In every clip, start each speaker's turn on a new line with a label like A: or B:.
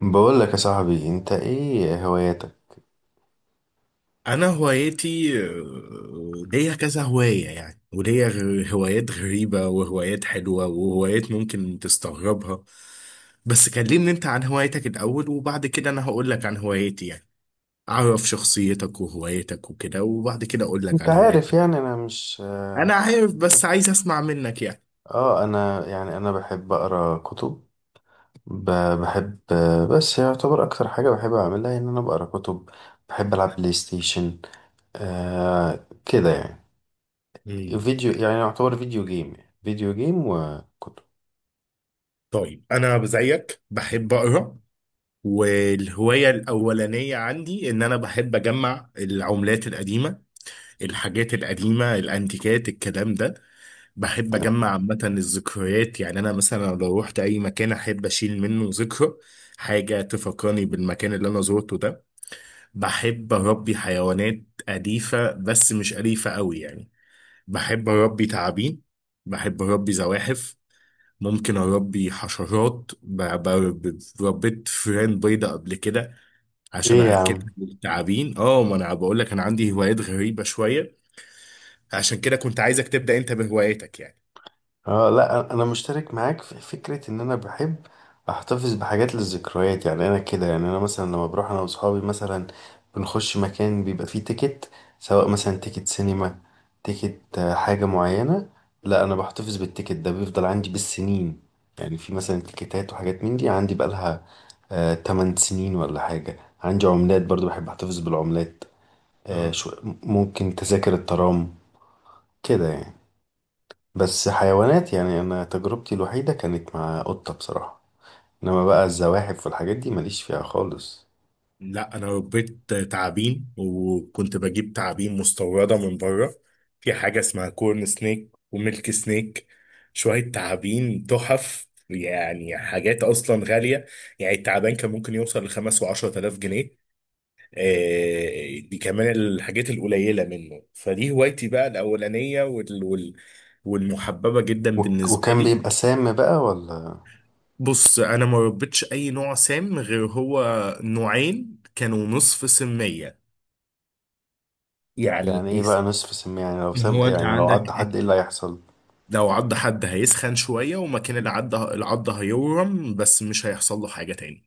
A: بقول لك يا صاحبي، انت ايه هواياتك؟
B: انا هوايتي ليا كذا هواية يعني وليا هوايات غريبة وهوايات حلوة وهوايات ممكن تستغربها. بس كلمني انت عن هوايتك الاول وبعد كده انا هقول لك عن هوايتي يعني، اعرف شخصيتك وهوايتك وكده وبعد كده اقول لك
A: انت
B: عن
A: عارف
B: هوايتك.
A: يعني انا مش
B: انا عارف بس عايز اسمع منك يعني.
A: انا يعني بحب اقرا كتب. ب- بحب، بس يعتبر اكتر حاجه بحب اعملها ان انا بقرا كتب. بحب العب بلاي ستيشن، آه كده يعني.
B: مم.
A: فيديو يعني يعتبر فيديو جيم يعني، فيديو جيم وكتب.
B: طيب انا زيك بحب اقرا، والهواية الاولانية عندي ان انا بحب اجمع العملات القديمة، الحاجات القديمة الأنتيكات الكلام ده. بحب أجمع عامة الذكريات، يعني أنا مثلا لو روحت أي مكان أحب أشيل منه ذكرى، حاجة تفكرني بالمكان اللي أنا زورته ده. بحب أربي حيوانات أليفة، بس مش أليفة أوي يعني. بحب أربي تعابين، بحب أربي زواحف، ممكن أربي حشرات ربيت فئران بيضة قبل كده عشان
A: ايه يا
B: أأكلها
A: عم؟
B: للتعابين. اه، ما أنا بقول لك أنا عندي هوايات غريبة شوية، عشان كده كنت عايزك تبدأ انت بهواياتك يعني.
A: اه لا، انا مشترك معاك في فكره ان انا بحب احتفظ بحاجات للذكريات. يعني انا كده يعني انا مثلا لما بروح انا واصحابي مثلا بنخش مكان بيبقى فيه تيكت، سواء مثلا تيكت سينما، تيكت حاجه معينه. لا، انا بحتفظ بالتيكت ده، بيفضل عندي بالسنين. يعني في مثلا تيكتات وحاجات من دي عندي بقالها 8 سنين ولا حاجه. عندي عملات برضو، بحب احتفظ بالعملات. آه
B: اه
A: شو، ممكن تذاكر الترام كده يعني. بس حيوانات يعني انا تجربتي الوحيده كانت مع قطه بصراحه، انما بقى الزواحف والحاجات دي ماليش فيها خالص.
B: لا، انا ربيت تعابين وكنت بجيب تعابين مستورده من بره، في حاجه اسمها كورن سنيك وميلك سنيك، شويه تعابين تحف يعني حاجات اصلا غاليه، يعني التعبان كان ممكن يوصل لخمس وعشرة آلاف جنيه. آه، دي كمان الحاجات القليله منه، فدي هوايتي بقى الاولانيه والمحببه جدا بالنسبه
A: وكان
B: لي.
A: بيبقى سام بقى ولا؟
B: بص انا ما ربيتش اي نوع سام غير هو، نوعين كانوا نصف سمية. يعني
A: يعني ايه
B: إيه؟
A: بقى نصف سم؟ يعني لو سام
B: هو انت
A: يعني لو
B: عندك.
A: عض حد ايه اللي هيحصل؟
B: لو عض حد هيسخن شوية، ومكان العض هيورم، بس مش هيحصل له حاجة تاني.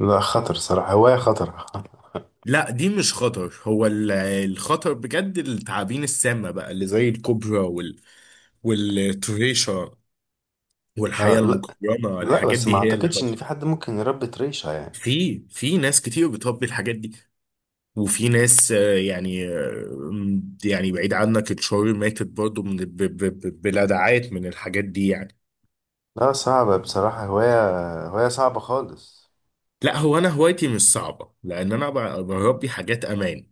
A: لا، خطر صراحه، هوايه خطر.
B: لا دي مش خطر، هو الخطر بجد التعابين السامة بقى اللي زي الكوبرا والتريشة
A: آه
B: والحياة
A: لا،
B: المكرمة،
A: لا
B: الحاجات
A: بس ما
B: دي هي اللي
A: اعتقدش ان
B: خطر.
A: في حد ممكن يربي طريشه يعني.
B: في ناس كتير بتربي الحاجات دي، وفي ناس يعني بعيد عنك اتشهر ماتت برضو من بلدعات من الحاجات دي يعني.
A: لا صعبه بصراحه، هوايه صعبه خالص.
B: لا هو انا هوايتي مش صعبه، لان انا بربي حاجات امان،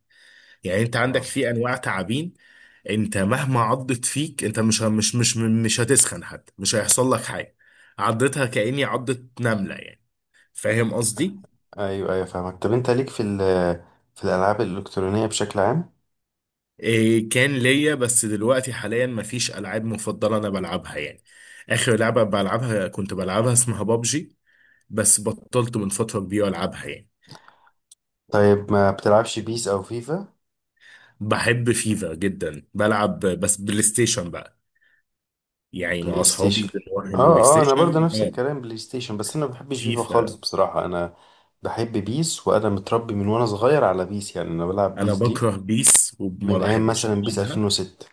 B: يعني انت عندك
A: اه
B: في انواع تعابين انت مهما عضت فيك انت مش هتسخن حتى، مش هيحصل لك حاجه، عضتها كاني عضت نمله يعني، فاهم قصدي.
A: ايوه ايوه فاهمك. طب انت ليك في في الالعاب الالكترونيه بشكل عام؟
B: إيه كان ليا، بس دلوقتي حاليا مفيش العاب مفضله انا بلعبها يعني، اخر لعبه بلعبها كنت بلعبها اسمها بابجي، بس بطلت من فترة كبيرة ألعبها يعني.
A: طيب ما بتلعبش بيس او فيفا؟
B: بحب فيفا جدا بلعب، بس بلاي ستيشن بقى، يعني مع
A: بلاي
B: أصحابي
A: ستيشن؟
B: بنروح البلاي
A: اه اه، انا برضه
B: ستيشن.
A: نفس
B: آه،
A: الكلام، بلاي ستيشن. بس انا ما بحبش فيفا خالص
B: فيفا
A: بصراحة. انا بحب بيس وانا متربي من وانا صغير على بيس. يعني انا بلعب
B: أنا
A: بيس دي
B: بكره بيس وما
A: من ايام
B: بحبش
A: مثلا بيس
B: ألعبها.
A: 2006.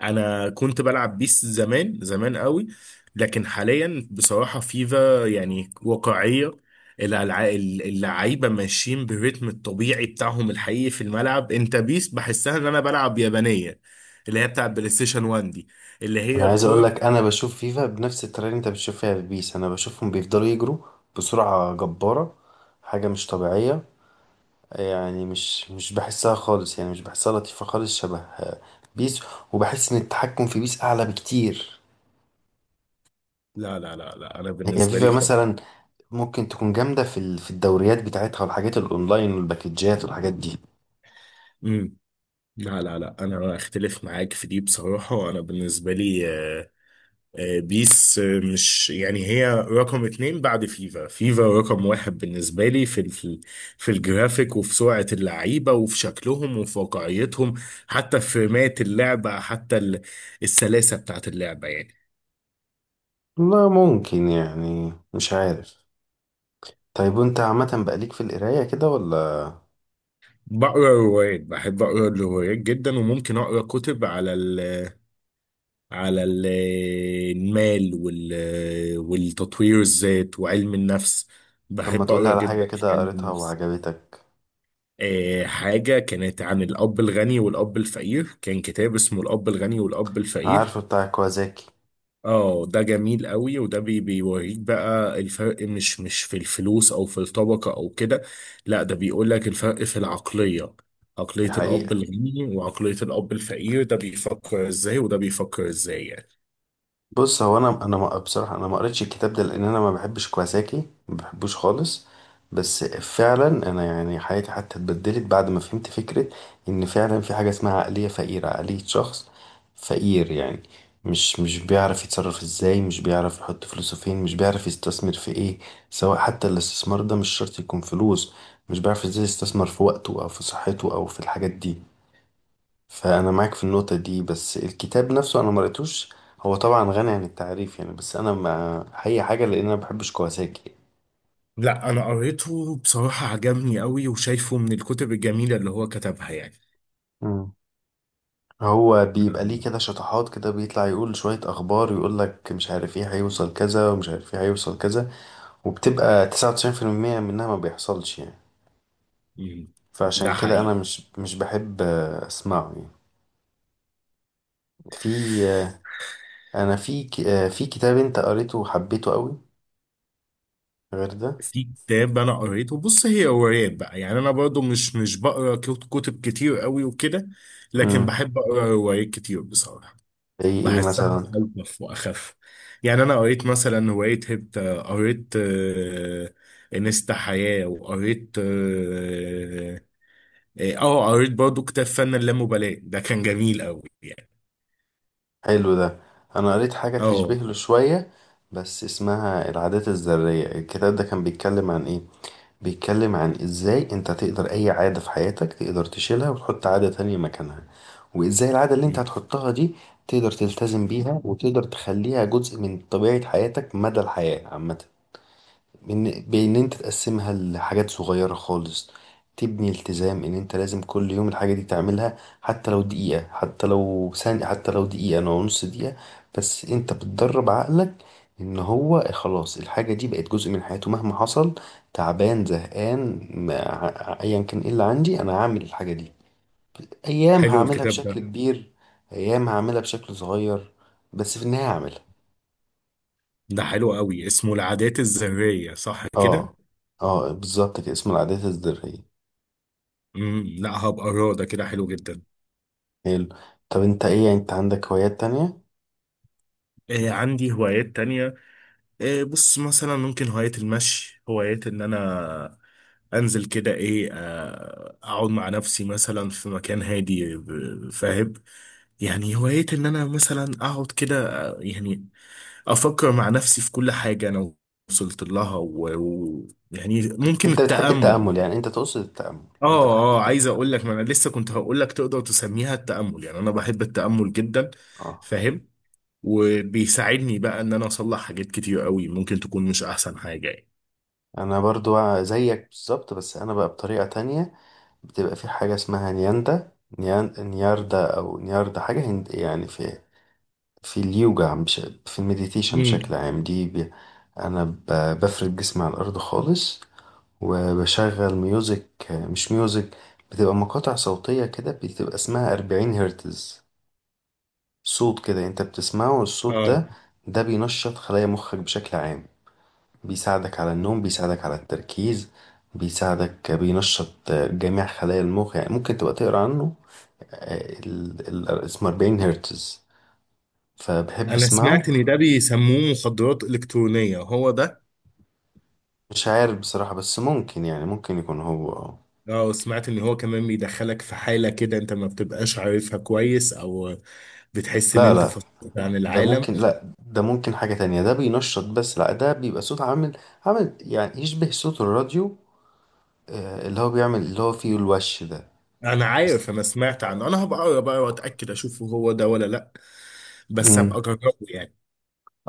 B: أنا كنت بلعب بيس زمان زمان قوي، لكن حاليا بصراحة فيفا يعني واقعية. الألع- اللعيبة ماشيين بالريتم الطبيعي بتاعهم الحقيقي في الملعب، أنت بيس بحسها إن أنا بلعب يابانية، اللي هي بتاع بلاي ستيشن 1 دي، اللي
A: انا
B: هي
A: عايز اقول
B: الكورة.
A: لك انا بشوف فيفا بنفس الطريقة اللي انت بتشوف فيها في بيس. انا بشوفهم بيفضلوا يجروا بسرعة جبارة، حاجة مش طبيعية. يعني مش بحسها خالص، يعني مش بحسها لطيفة خالص، شبه بيس. وبحس ان التحكم في بيس اعلى بكتير.
B: لا انا
A: هي
B: بالنسبه
A: فيفا
B: لي خالص.
A: مثلا ممكن تكون جامدة في في الدوريات بتاعتها والحاجات الأونلاين والباكجات والحاجات دي.
B: امم. لا انا اختلف معاك في دي بصراحه، انا بالنسبه لي بيس مش، يعني هي رقم اتنين بعد فيفا، فيفا رقم واحد بالنسبه لي في في الجرافيك وفي سرعه اللعيبه وفي شكلهم وفي واقعيتهم، حتى في فريمات اللعبه، حتى السلاسه بتاعت اللعبه يعني.
A: لا ممكن، يعني مش عارف. طيب وانت عامة بقى ليك في القراية كده ولا؟
B: بقرا روايات، بحب اقرا الروايات جدا، وممكن اقرا كتب على على ال- المال والتطوير الذات وعلم النفس،
A: طب ما
B: بحب
A: تقولي
B: أقرأ
A: على حاجة
B: جدا في
A: كده
B: علم
A: قريتها
B: النفس.
A: وعجبتك.
B: آه، حاجة كانت عن الأب الغني والأب الفقير، كان كتاب اسمه الأب الغني والأب الفقير.
A: عارفه بتاع كوازاكي.
B: اه ده جميل قوي، وده بي بيوريك بقى الفرق مش في الفلوس او في الطبقة او كده، لا ده بيقول لك الفرق في العقلية، عقلية الأب
A: الحقيقة
B: الغني وعقلية الأب الفقير، ده بيفكر ازاي وده بيفكر ازاي يعني.
A: بص، هو انا بصراحه انا ما قريتش الكتاب ده لان انا ما بحبش كواساكي، ما بحبوش خالص. بس فعلا انا يعني حياتي حتى اتبدلت بعد ما فهمت فكره ان فعلا في حاجه اسمها عقليه فقيره، عقليه شخص فقير يعني. مش بيعرف يتصرف ازاي، مش بيعرف يحط فلوسه فين، مش بيعرف يستثمر في ايه، سواء حتى الاستثمار ده مش شرط يكون فلوس. مش بيعرف ازاي يستثمر في وقته او في صحته او في الحاجات دي. فانا معاك في النقطه دي، بس الكتاب نفسه انا ما قريتوش. هو طبعا غني عن التعريف يعني، بس انا ما هي حاجه لان انا ما بحبش كواساكي.
B: لا انا قريته بصراحة عجبني قوي، وشايفه من الكتب الجميلة اللي هو كتبها يعني.
A: مم. هو بيبقى ليه
B: أمم.
A: كده شطحات، كده بيطلع يقول شويه اخبار، يقول لك مش عارف ايه هيوصل كذا ومش عارف ايه هيوصل كذا، وبتبقى 99% منها ما بيحصلش يعني.
B: ده
A: فعشان كده انا
B: حقيقي.
A: مش بحب اسمعه يعني. في آه، انا في في كتاب انت قريته وحبيته قوي غير ده؟
B: في كتاب انا قريته، بص هي روايات بقى يعني، انا برضو مش بقرا كتب كتير قوي وكده، لكن
A: امم،
B: بحب اقرا روايات كتير بصراحة،
A: زي ايه
B: بحسها
A: مثلا؟
B: الطف واخف. يعني انا قريت مثلا رواية هبت، قريت انستا حياة، وقريت اه قريت برضو كتاب فن اللامبالاة، ده كان جميل قوي.
A: حلو ده. انا قريت حاجة تشبه
B: اه.
A: له شوية بس اسمها العادات الذرية. الكتاب ده كان بيتكلم عن ايه؟ بيتكلم عن ازاي انت تقدر اي عادة في حياتك تقدر تشيلها وتحط عادة تانية مكانها، وازاي العادة اللي انت
B: مم.
A: هتحطها دي تقدر تلتزم بيها وتقدر تخليها جزء من طبيعة حياتك مدى الحياة عامة. بإن أنت تقسمها لحاجات صغيرة خالص، تبني التزام إن أنت لازم كل يوم الحاجة دي تعملها، حتى لو دقيقة، حتى لو ثانية، حتى لو دقيقة أو نص دقيقة. بس أنت بتدرب عقلك إن هو خلاص الحاجة دي بقت جزء من حياته مهما حصل، تعبان، زهقان، أيا كان إيه اللي عندي، أنا هعمل الحاجة دي. أيام
B: حلو
A: هعملها
B: الكتاب
A: بشكل
B: ده،
A: كبير، أيام هعملها بشكل صغير، بس في النهاية هعملها.
B: ده حلو قوي اسمه العادات الذرية صح كده؟
A: اه اه بالظبط كده، اسمه العادات الذرية.
B: مم. لا هبقى أقراه، ده كده حلو جدا.
A: حلو. طب انت ايه، يعني انت عندك هوايات تانية؟
B: آه عندي هوايات تانية، آه بص مثلا ممكن هواية المشي، هواية ان انا انزل كده ايه آه اقعد مع نفسي مثلا في مكان هادي فاهم يعني، هواية ان انا مثلا اقعد كده يعني افكر مع نفسي في كل حاجة انا وصلت لها، ويعني يعني ممكن
A: انت بتحب
B: التأمل
A: التأمل؟
B: يعني.
A: يعني انت تقصد التأمل؟ انت بتحب
B: اه اه،
A: التأمل؟
B: عايز اقول لك ما انا لسه كنت هقول لك تقدر تسميها التأمل، يعني انا بحب التأمل جدا.
A: اه،
B: فاهم. وبيساعدني بقى ان انا اصلح حاجات كتير قوي ممكن تكون مش احسن حاجة يعني.
A: انا برضو زيك بالظبط، بس انا بقى بطريقة تانية. بتبقى في حاجة اسمها نياندا، نياردا او نياردا، حاجة هند يعني، في في اليوجا، مش في المديتيشن بشكل
B: امم.
A: عام. دي بي، انا بفرد جسمي على الارض خالص، وبشغل ميوزك، مش ميوزك، بتبقى مقاطع صوتية كده، بتبقى اسمها 40 هرتز. صوت كده انت بتسمعه الصوت
B: اه
A: ده، ده بينشط خلايا مخك بشكل عام، بيساعدك على النوم، بيساعدك على التركيز، بيساعدك بينشط جميع خلايا المخ. يعني ممكن تبقى تقرا عنه، اسمه 40 هرتز، فبحب
B: انا
A: اسمعه.
B: سمعت ان ده بيسموه مخدرات الكترونية، هو ده؟
A: مش عارف بصراحة، بس ممكن يعني، ممكن يكون هو
B: اه سمعت ان هو كمان بيدخلك في حالة كده انت ما بتبقاش عارفها كويس، او بتحس ان
A: لا
B: انت
A: لا،
B: فصلت عن
A: ده
B: العالم.
A: ممكن، لا ده ممكن حاجة تانية. ده بينشط، بس لا، ده بيبقى صوت عامل يعني يشبه صوت الراديو، اللي هو بيعمل اللي هو فيه الوش ده.
B: انا
A: بس
B: عارف، انا سمعت عنه، انا هبقى اقرا بقى واتاكد اشوف هو ده ولا لا، بس
A: مم.
B: هبقى اجربه يعني.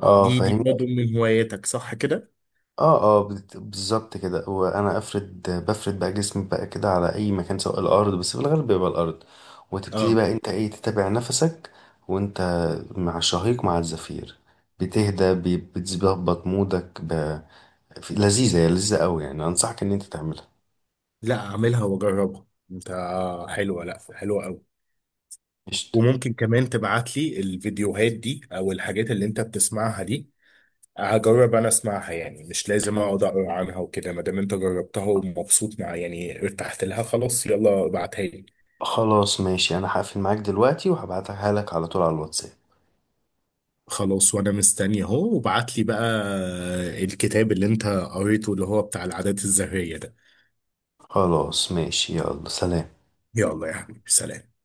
A: اه
B: دي
A: فاهمني.
B: برضه من هواياتك صح كده؟
A: اه اه بالظبط كده، وانا افرد بقى جسمي بقى كده على اي مكان، سواء الارض، بس في الغالب بيبقى الارض. وتبتدي
B: اه
A: بقى انت ايه تتابع نفسك، وانت مع الشهيق مع الزفير، بتهدى، بتظبط مودك لذيذة، هي لذيذة قوي يعني، انصحك ان انت تعملها.
B: لا اعملها واجربها انت، حلوه، لا حلوه قوي.
A: قشطة.
B: وممكن كمان تبعت لي الفيديوهات دي او الحاجات اللي انت بتسمعها دي، هجرب انا اسمعها يعني، مش لازم اقعد اقرا عنها وكده، ما دام انت جربتها ومبسوط مع يعني ارتحت لها خلاص، يلا ابعتها لي.
A: خلاص ماشي، انا هقفل معاك دلوقتي وهبعتها لك على طول على الواتساب.
B: خلاص، وانا مستني اهو، وابعت لي بقى الكتاب اللي انت قريته اللي هو بتاع العادات الذرية ده.
A: خلاص ماشي، يلا سلام.
B: يلا يا حبيبي سلام.